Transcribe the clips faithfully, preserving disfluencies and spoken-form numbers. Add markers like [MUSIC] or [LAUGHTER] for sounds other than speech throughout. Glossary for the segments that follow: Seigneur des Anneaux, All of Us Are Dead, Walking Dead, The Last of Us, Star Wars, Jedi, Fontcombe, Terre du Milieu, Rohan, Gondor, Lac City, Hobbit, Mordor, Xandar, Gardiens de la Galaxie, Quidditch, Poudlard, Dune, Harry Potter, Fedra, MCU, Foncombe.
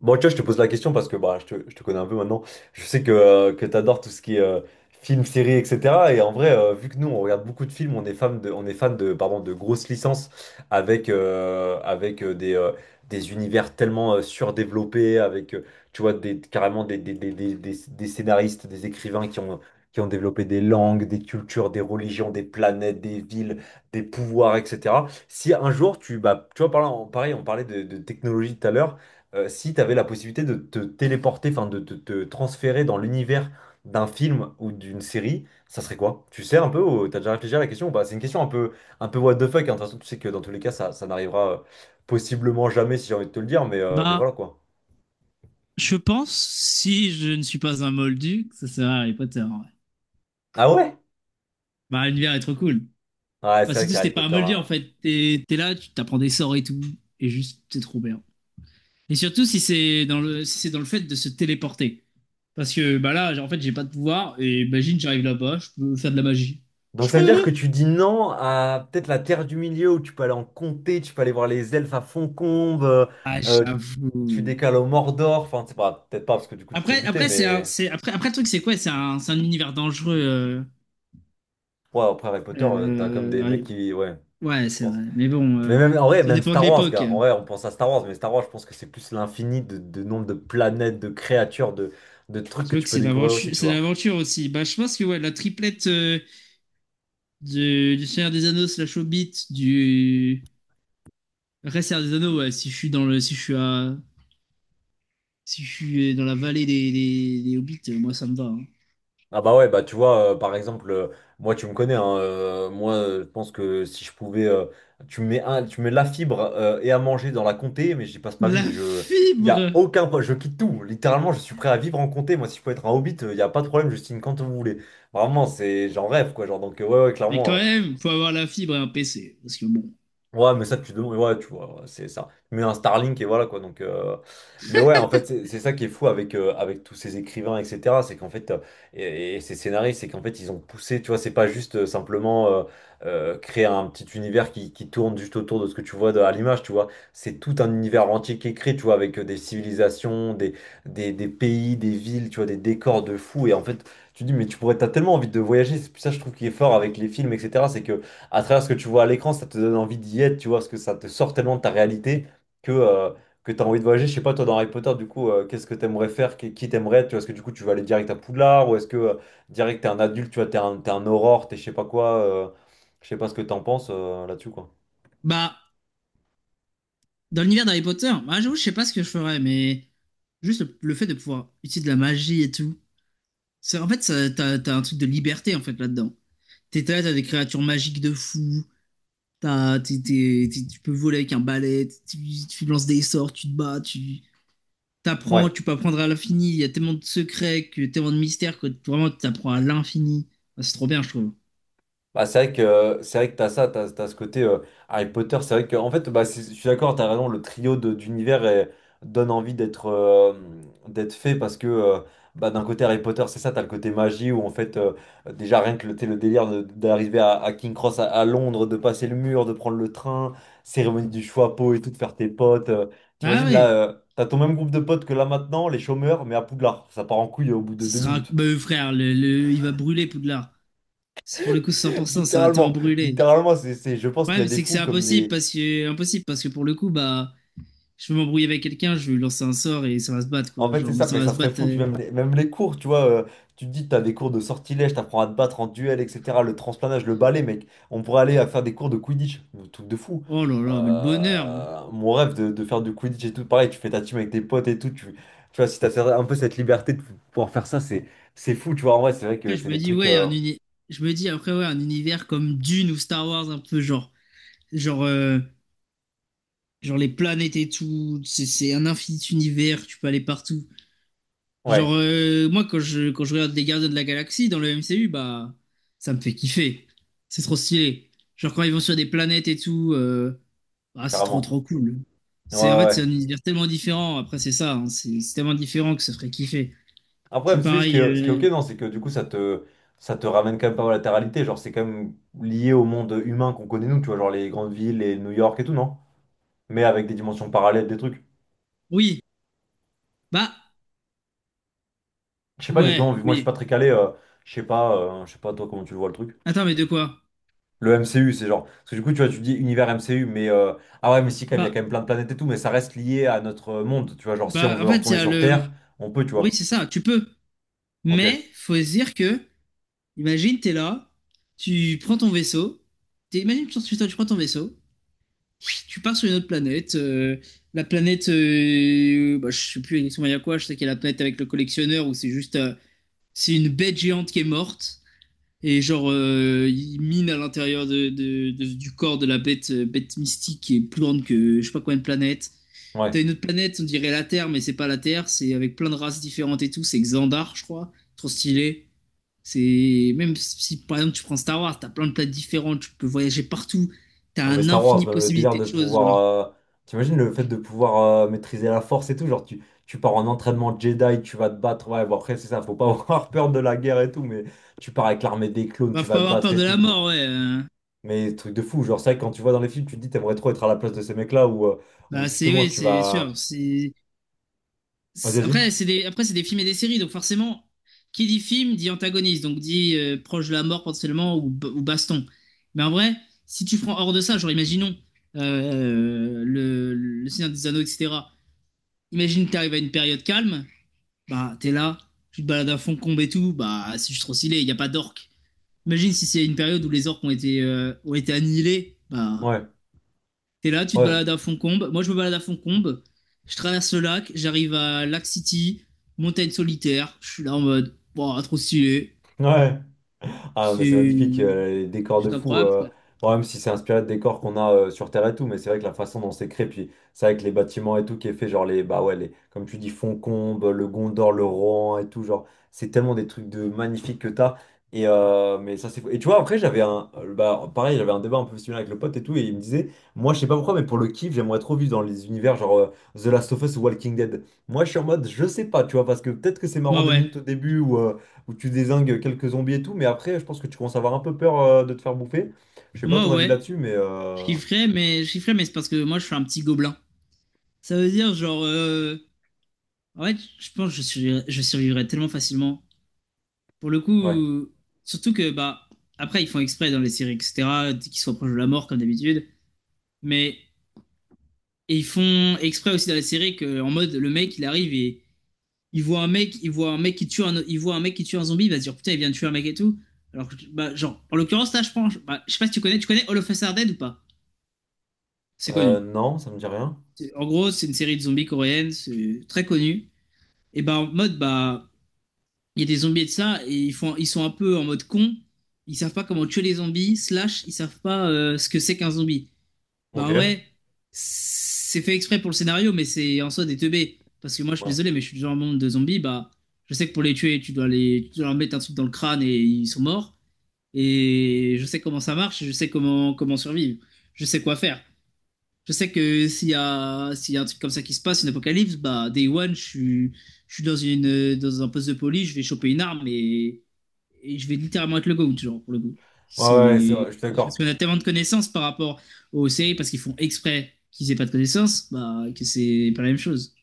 Bon, tu vois, je te pose la question parce que bah, je te, je te connais un peu maintenant. Je sais que, euh, que tu adores tout ce qui est euh, film, série, et cetera. Et en vrai, euh, vu que nous, on regarde beaucoup de films, on est fan de, on est fan de, pardon, de grosses licences avec, euh, avec euh, des, euh, des univers tellement euh, surdéveloppés, avec, euh, tu vois, des, carrément des, des, des, des, des- des scénaristes, des écrivains qui ont, qui ont développé des langues, des cultures, des religions, des planètes, des villes, des pouvoirs, et cetera. Si un jour, tu, bah, tu vois, par là, on- pareil, on parlait de, de technologie tout à l'heure euh, Si tu avais la possibilité de te téléporter, enfin de te te transférer dans l'univers d'un film ou d'une série, ça serait quoi? Tu sais un peu ou t'as déjà réfléchi à la question ou pas? C'est une question un peu, un peu what the fuck, hein. De toute façon, tu sais que dans tous les cas, ça, ça n'arrivera euh, possiblement jamais si j'ai envie de te le dire, mais, euh, mais Bah, voilà quoi. je pense, si je ne suis pas un moldu, que ça sert à Harry Potter, en vrai. Ah ouais? Bah, l'univers est trop cool. Ouais, Enfin, c'est vrai surtout si t'es qu'Harry pas un Potter, moldu, en hein. fait. T'es, t'es là, tu t'apprends des sorts et tout. Et juste, c'est trop bien. Et surtout si c'est dans le, si c'est dans le fait de se téléporter. Parce que, bah là, j'ai- en fait, j'ai pas de pouvoir. Et imagine, j'arrive là-bas, je peux faire de la magie. Je Donc suis ça trop veut dire que heureux. tu dis non à peut-être la Terre du Milieu, où tu peux aller en comté, tu peux aller voir les elfes à Foncombe, euh, Ah, euh, tu j'avoue. décales au Mordor? Enfin, c'est pas, peut-être pas, parce que du coup tu te fais Après, buter, après, c'est un, mais. c'est, après, après, le truc, c'est quoi? C'est un, c'est un univers dangereux. euh, Ouais, après Harry Potter, euh, t'as comme des mecs euh, qui. Ouais, je ouais, c'est pense. vrai. Mais bon, Mais euh, même, en vrai, ça même dépend de Star Wars, l'époque. gars. En vrai, on pense à Star Wars, mais Star Wars, je pense que c'est plus l'infini de, de nombre de planètes, de créatures, de, de trucs que C'est vrai tu que peux c'est découvrir l'aventure, aussi, tu c'est vois. l'aventure aussi. Bah, je pense que ouais, la triplette euh, de- du Seigneur des Anneaux slash Hobbit, du Après, Seigneur des Anneaux, ouais, si je suis dans le, si je suis à, si je suis dans la vallée des, des, des Hobbits, euh, moi ça me va, hein. Ah bah ouais, bah tu vois, euh, par exemple, euh, moi, tu me connais, hein, euh, moi, euh, je pense que si je pouvais. euh, tu me mets un, tu me mets la fibre euh, et à manger dans la comté, mais j'y passe ma La vie. Je, y a fibre! aucun, pro- je quitte tout. Littéralement, je suis prêt à vivre en comté. Moi, si je peux être un hobbit, il n'y a pas de problème, je signe quand vous voulez. Vraiment, c'est, j'en rêve, quoi. Genre, donc, euh, ouais, ouais, Mais quand clairement. même, faut avoir la fibre et un P C, parce que bon. Ouais, mais ça, tu demandes, ouais, tu vois, ouais, c'est ça. Mais un Starlink, et voilà, quoi. Donc, euh. Mais ouais, en fait, c'est c'est ça qui est fou avec, euh, avec tous ces écrivains, et cetera. C'est qu'en fait, euh, et, et ces scénaristes, c'est qu'en fait, ils ont poussé, tu vois, c'est pas juste euh, simplement euh, euh, créer un petit univers qui, qui tourne juste autour de ce que tu vois de- à l'image, tu vois. C'est tout un univers entier qui est créé, tu vois, avec euh, des civilisations, des, des, des pays, des villes, tu vois, des décors de fou. Et en fait, tu te dis, mais tu pourrais, t'as tellement envie de voyager. C'est ça, je trouve, qui est fort avec les films, et cetera. C'est que à travers ce que tu vois à l'écran, ça te donne envie d'y être, tu vois, parce que ça te sort tellement de ta réalité que, euh, que tu as envie de voyager. Je sais pas, toi, dans Harry Potter, du coup, euh, qu'est-ce que tu aimerais faire, qui qui t'aimerais, tu vois, est-ce que du coup, tu vas aller direct à Poudlard, ou est-ce que euh, direct, t'es un adulte, tu vois, t'es un, t'es un aurore, t'es je sais pas quoi, euh, je sais pas ce que t'en penses euh, là-dessus, quoi. Bah, dans l'univers d'Harry Potter, bah, j'avoue, je sais pas ce que je ferais, mais juste le, le fait de pouvoir utiliser de la magie et tout. C'est, en fait, ça- t'as, t'as un truc de liberté en fait là-dedans. T'es là, t'as des créatures magiques de fou. T'as- t'es- t'es- t'es- tu peux voler avec un balai, tu, tu lances des sorts, tu te bats, tu t'apprends, Ouais. tu peux apprendre à l'infini. Il y a tellement de secrets, que, tellement de mystères que vraiment tu apprends à l'infini. Ah, c'est trop bien, je trouve. Bah, c'est vrai que euh, c'est vrai que t'as ça, t'as, t'as ce côté euh, Harry Potter. C'est vrai que en fait, bah, c'est- je suis d'accord, t'as raison. Le trio de- d'univers est- donne envie d'être euh, d'être fait parce que euh, bah, d'un côté Harry Potter, c'est ça, t'as le côté magie où en fait euh, déjà rien que le, t'sais, le délire de- d'arriver à, à King Cross à, à Londres, de passer le mur, de prendre le train, cérémonie du choix à pot et tout, de faire tes potes. euh, Ah T'imagines ouais, là, euh, t'as ton même groupe de potes que là maintenant, les chômeurs, mais à Poudlard, ça part en couille au bout de ça deux sera un minutes. bah, euh, frère, le, le- il va brûler Poudlard. C'est- Pour le coup, [LAUGHS] cent pour cent, ça va tellement Littéralement, brûler. littéralement, c'est, c'est, je pense Le qu'il y a problème, des c'est que c'est fous comme impossible des. parce que, impossible parce que pour le coup, bah, je vais m'embrouiller avec quelqu'un, je vais lui lancer un sort et ça va se battre, En quoi. fait, c'est Genre, mais ça, ça mais va ça se serait battre. fou. Puis euh. même les, même les cours, tu vois, euh, tu te dis, t'as des cours de sortilège, t'apprends à te battre en duel, et cetera. Le transplanage, le balai, mec. On pourrait aller à faire des cours de Quidditch, un truc de fou. Oh là là, mais le bonheur, hein. Euh, mon rêve de, de faire du Quidditch et tout, pareil, tu fais ta team avec tes potes et tout. Tu, tu vois, si t'as un peu cette liberté de pouvoir faire ça, c'est, c'est fou, tu vois. En vrai, c'est vrai que Après, je c'est me des dis, trucs, ouais, un euh, uni- je me dis après, ouais, un univers comme Dune ou Star Wars, un peu genre, genre, euh, genre les planètes et tout, c'est c'est un infini univers, tu peux aller partout. Genre, ouais, euh, moi, quand je, quand je regarde les Gardiens de la Galaxie dans le M C U, bah, ça me fait kiffer. C'est trop stylé. Genre, quand ils vont sur des planètes et tout, euh, ah, c'est trop, carrément. trop cool. Ouais, C'est, en ouais, fait, c'est un ouais. univers tellement différent. Après, c'est ça, hein, c'est c'est tellement différent que ça ferait kiffer. Après, C'est mais c'est juste pareil. que ce qui est ok, euh, non, c'est que du coup, ça te, ça te ramène quand même pas mal à la réalité. Genre, c'est quand même lié au monde humain qu'on connaît, nous, tu vois, genre les grandes villes, les New York et tout, non? Mais avec des dimensions parallèles, des trucs. Oui, bah, Je sais pas ouais, exactement, vu que moi, je suis oui. pas très calé, euh, je sais pas, euh, je sais pas, toi, comment tu le vois le truc. Attends, mais de quoi? Le M C U, c'est genre. Parce que du coup, tu vois, tu dis univers M C U, mais. euh, Ah ouais, mais si, quand même, il y a Bah, quand même plein de planètes et tout, mais ça reste lié à notre monde, tu vois. Genre, si on bah, en veut fait, il y retourner a sur le. Terre, on peut, tu Oui, vois. c'est ça, tu peux. Ok, Mais faut se dire que, imagine, t'es là, tu prends ton vaisseau, t'es- imagine, tu tu- tu prends ton vaisseau, tu pars sur une autre planète. Euh, la planète, euh, bah, je sais plus exactement il y a quoi, je sais qu'il y a la planète avec le collectionneur où c'est juste, euh, c'est une bête géante qui est morte. Et genre, euh, il mine à l'intérieur de, de- de- du corps de la bête, euh, bête mystique qui est plus grande que je sais pas combien de planètes. T'as ouais. une autre planète, on dirait la Terre, mais c'est pas la Terre, c'est avec plein de races différentes et tout. C'est Xandar, je crois. Trop stylé. C'est même si par exemple tu prends Star Wars, t'as plein de planètes différentes, tu peux voyager partout. T'as Non, mais un Star Wars, infini même le délire possibilité de de choses, pouvoir, genre. euh. T'imagines le fait de pouvoir euh, maîtriser la force et tout. Genre, tu, tu pars en entraînement Jedi, tu vas te battre. Ouais, bon, après, c'est ça, faut pas [LAUGHS] avoir peur de la guerre et tout. Mais tu pars avec l'armée des clones, Bah, tu faut pas vas te avoir battre peur de et tout, la quoi. mort, ouais. euh. Mais truc de fou. Genre, c'est vrai que quand tu vois dans les films, tu te dis, t'aimerais trop être à la place de ces mecs-là, ou euh, ou Bah c'est justement, ouais, tu c'est sûr. vas. C'est Vas-y, c'est- Après, vas-y. c'est des, après, c'est des films et des séries, donc forcément, qui dit film dit antagoniste, donc dit euh, proche de la mort potentiellement ou, b- ou baston. Mais en vrai, si tu prends hors de ça, genre imaginons euh, euh, le, le Seigneur des Anneaux, et cetera. Imagine t'arrives à une période calme, bah t'es là, tu te balades à Fontcombe et tout, bah c'est juste trop stylé, il n'y a pas d'orques. Imagine si c'est une période où les orques ont été, euh, ont été annihilés. Bah, Ouais, t'es là, tu te ouais, balades à Foncombe. Moi, je me balade à Foncombe. Je traverse le lac, j'arrive à Lac City, montagne solitaire. Je suis là en mode, wow, trop stylé. ouais. Ah, mais c'est C'est magnifique, euh, les décors de c'est fou, incroyable. euh, bon, même si c'est inspiré de décors qu'on a euh, sur Terre et tout, mais c'est vrai que la façon dont c'est créé, puis c'est avec les bâtiments et tout qui est fait, genre les, bah ouais, les, comme tu dis, Foncombe, le Gondor, le Rohan et tout, genre, c'est tellement des trucs de magnifiques que t'as. Et, euh, mais ça, c'est fou. Et tu vois, après, j'avais un, euh, bah, pareil, j'avais un débat un peu similaire avec le pote et tout, et il me disait, moi, je sais pas pourquoi, mais pour le kiff, j'aimerais trop vivre dans les univers genre euh, The Last of Us ou Walking Dead. Moi, je suis en mode, je sais pas, tu vois, parce que peut-être que c'est marrant Moi, deux ouais. minutes au début où tu désingues quelques zombies et tout, mais après, je pense que tu commences à avoir un peu peur euh, de te faire bouffer. Je sais pas Moi, ton avis ouais. là-dessus, mais Je euh, kifferais, mais je kifferais, mais c'est parce que moi, je suis un petit gobelin. Ça veut dire, genre, euh, en fait, je pense que je survivrais, je survivrais tellement facilement. Pour le ouais. coup, surtout que, bah, après, ils font exprès dans les séries, et cetera, qu'ils soient proches de la mort, comme d'habitude. Mais et ils font exprès aussi dans la série que, en mode, le mec, il arrive et il voit un mec, il voit un mec qui tue un, il voit un mec qui tue un zombie, il va se dire putain, il vient de tuer un mec et tout. Alors, bah, genre, en l'occurrence, là, je pense, bah, je sais pas si tu connais, tu connais All of Us Are Dead ou pas. C'est Euh, connu. non, ça me dit rien. C'est- En gros, c'est une série de zombies coréenne, c'est très connu. Et bah, en mode, bah, il y a des zombies et de ça, et ils, font, ils sont un peu en mode con. Ils savent pas comment tuer les zombies, slash, ils savent pas euh, ce que c'est qu'un zombie. Bah Ok. en Ouais. vrai, c'est fait exprès pour le scénario, mais c'est en soi des teubés. Parce que moi, je suis Ouais, désolé, mais je suis du genre monde de zombies. Bah, je sais que pour les tuer, tu dois les, tu dois leur mettre un truc dans le crâne et ils sont morts. Et je sais comment ça marche, et je sais comment comment survivre, je sais quoi faire. Je sais que s'il y a s'il y a un truc comme ça qui se passe, une apocalypse, bah day one, je suis je suis dans une dans un poste de police, je vais choper une arme et et je vais littéralement être le GOAT, genre, pour le coup. ouais, ouais, c'est vrai, C'est. je suis Parce d'accord. qu'on a tellement de connaissances par rapport aux séries, parce qu'ils font exprès qu'ils aient pas de connaissances, bah, que c'est pas la même chose.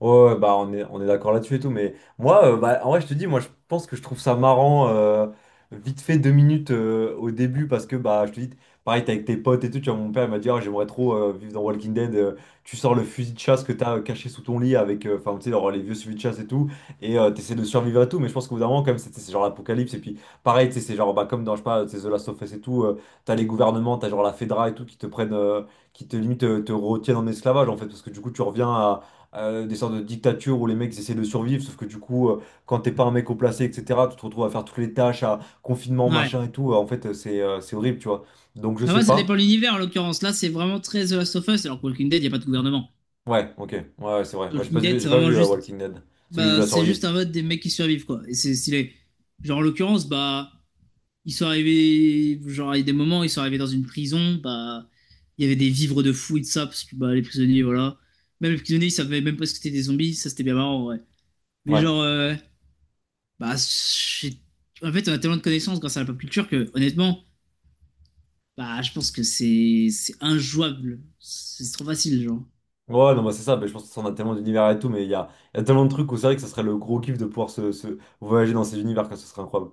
Ouais, ouais, Bah on est, on est d'accord là-dessus et tout, mais moi, euh, bah, en vrai, je te dis, moi, je pense que je trouve ça marrant, euh, vite fait deux minutes euh, au début, parce que, bah, je te dis, pareil, t'es avec tes potes et tout, tu vois, mon père, il m'a dit, Ah, j'aimerais trop euh, vivre dans Walking Dead, euh, tu sors le fusil de chasse que t'as euh, caché sous ton lit avec, euh, enfin, tu sais, genre, les vieux fusils de chasse et tout, et euh, t'essaies de survivre à tout, mais je pense qu'au bout d'un moment, quand même, c'est c'est genre l'apocalypse, et puis, pareil, tu sais, c'est genre, bah, comme dans, je sais pas, tu sais, The Last of Us et tout, euh, t'as les gouvernements, t'as genre la Fedra et tout, qui te prennent, euh, qui te limite, euh, te retiennent en esclavage, en fait, parce que du coup, tu reviens à euh, des sortes de dictatures où les mecs ils essaient de survivre, sauf que du coup, euh, quand t'es pas un mec au placé, et cetera, tu te retrouves à faire toutes les tâches, à confinement, Ouais. machin et tout. euh, En fait, euh, c'est euh, c'est horrible, tu vois. Donc, je sais Après, ça pas. dépend de l'univers, en l'occurrence. Là, c'est vraiment très The Last of Us, alors que Walking Dead, il n'y a pas de gouvernement. Ouais, ok, ouais, ouais, c'est vrai. Moi, j'ai pas Walking vu, Dead, j'ai c'est pas vraiment vu euh, juste. Walking Dead. C'est juste de Bah, la c'est juste survie. un mode des mecs qui survivent, quoi. Et c'est stylé. Genre, en l'occurrence, bah. Ils sont arrivés, genre, il y a des moments, ils sont arrivés dans une prison, bah, il y avait des vivres de fou et de ça, parce que bah, les prisonniers, voilà. Même les prisonniers, ils savaient même pas ce que c'était des zombies, ça c'était bien marrant, ouais. Mais Ouais. genre, euh, bah, j'ai- en fait, on a tellement de connaissances grâce à la pop culture que, honnêtement, bah, je pense que c'est c'est injouable. C'est c'est trop facile, genre. Ouais, non, bah c'est ça, bah, je pense que ça en a tellement d'univers et tout, mais il y a, il y a tellement de trucs où c'est vrai que ça serait le gros kiff de pouvoir se, se voyager dans ces univers, que ce serait incroyable.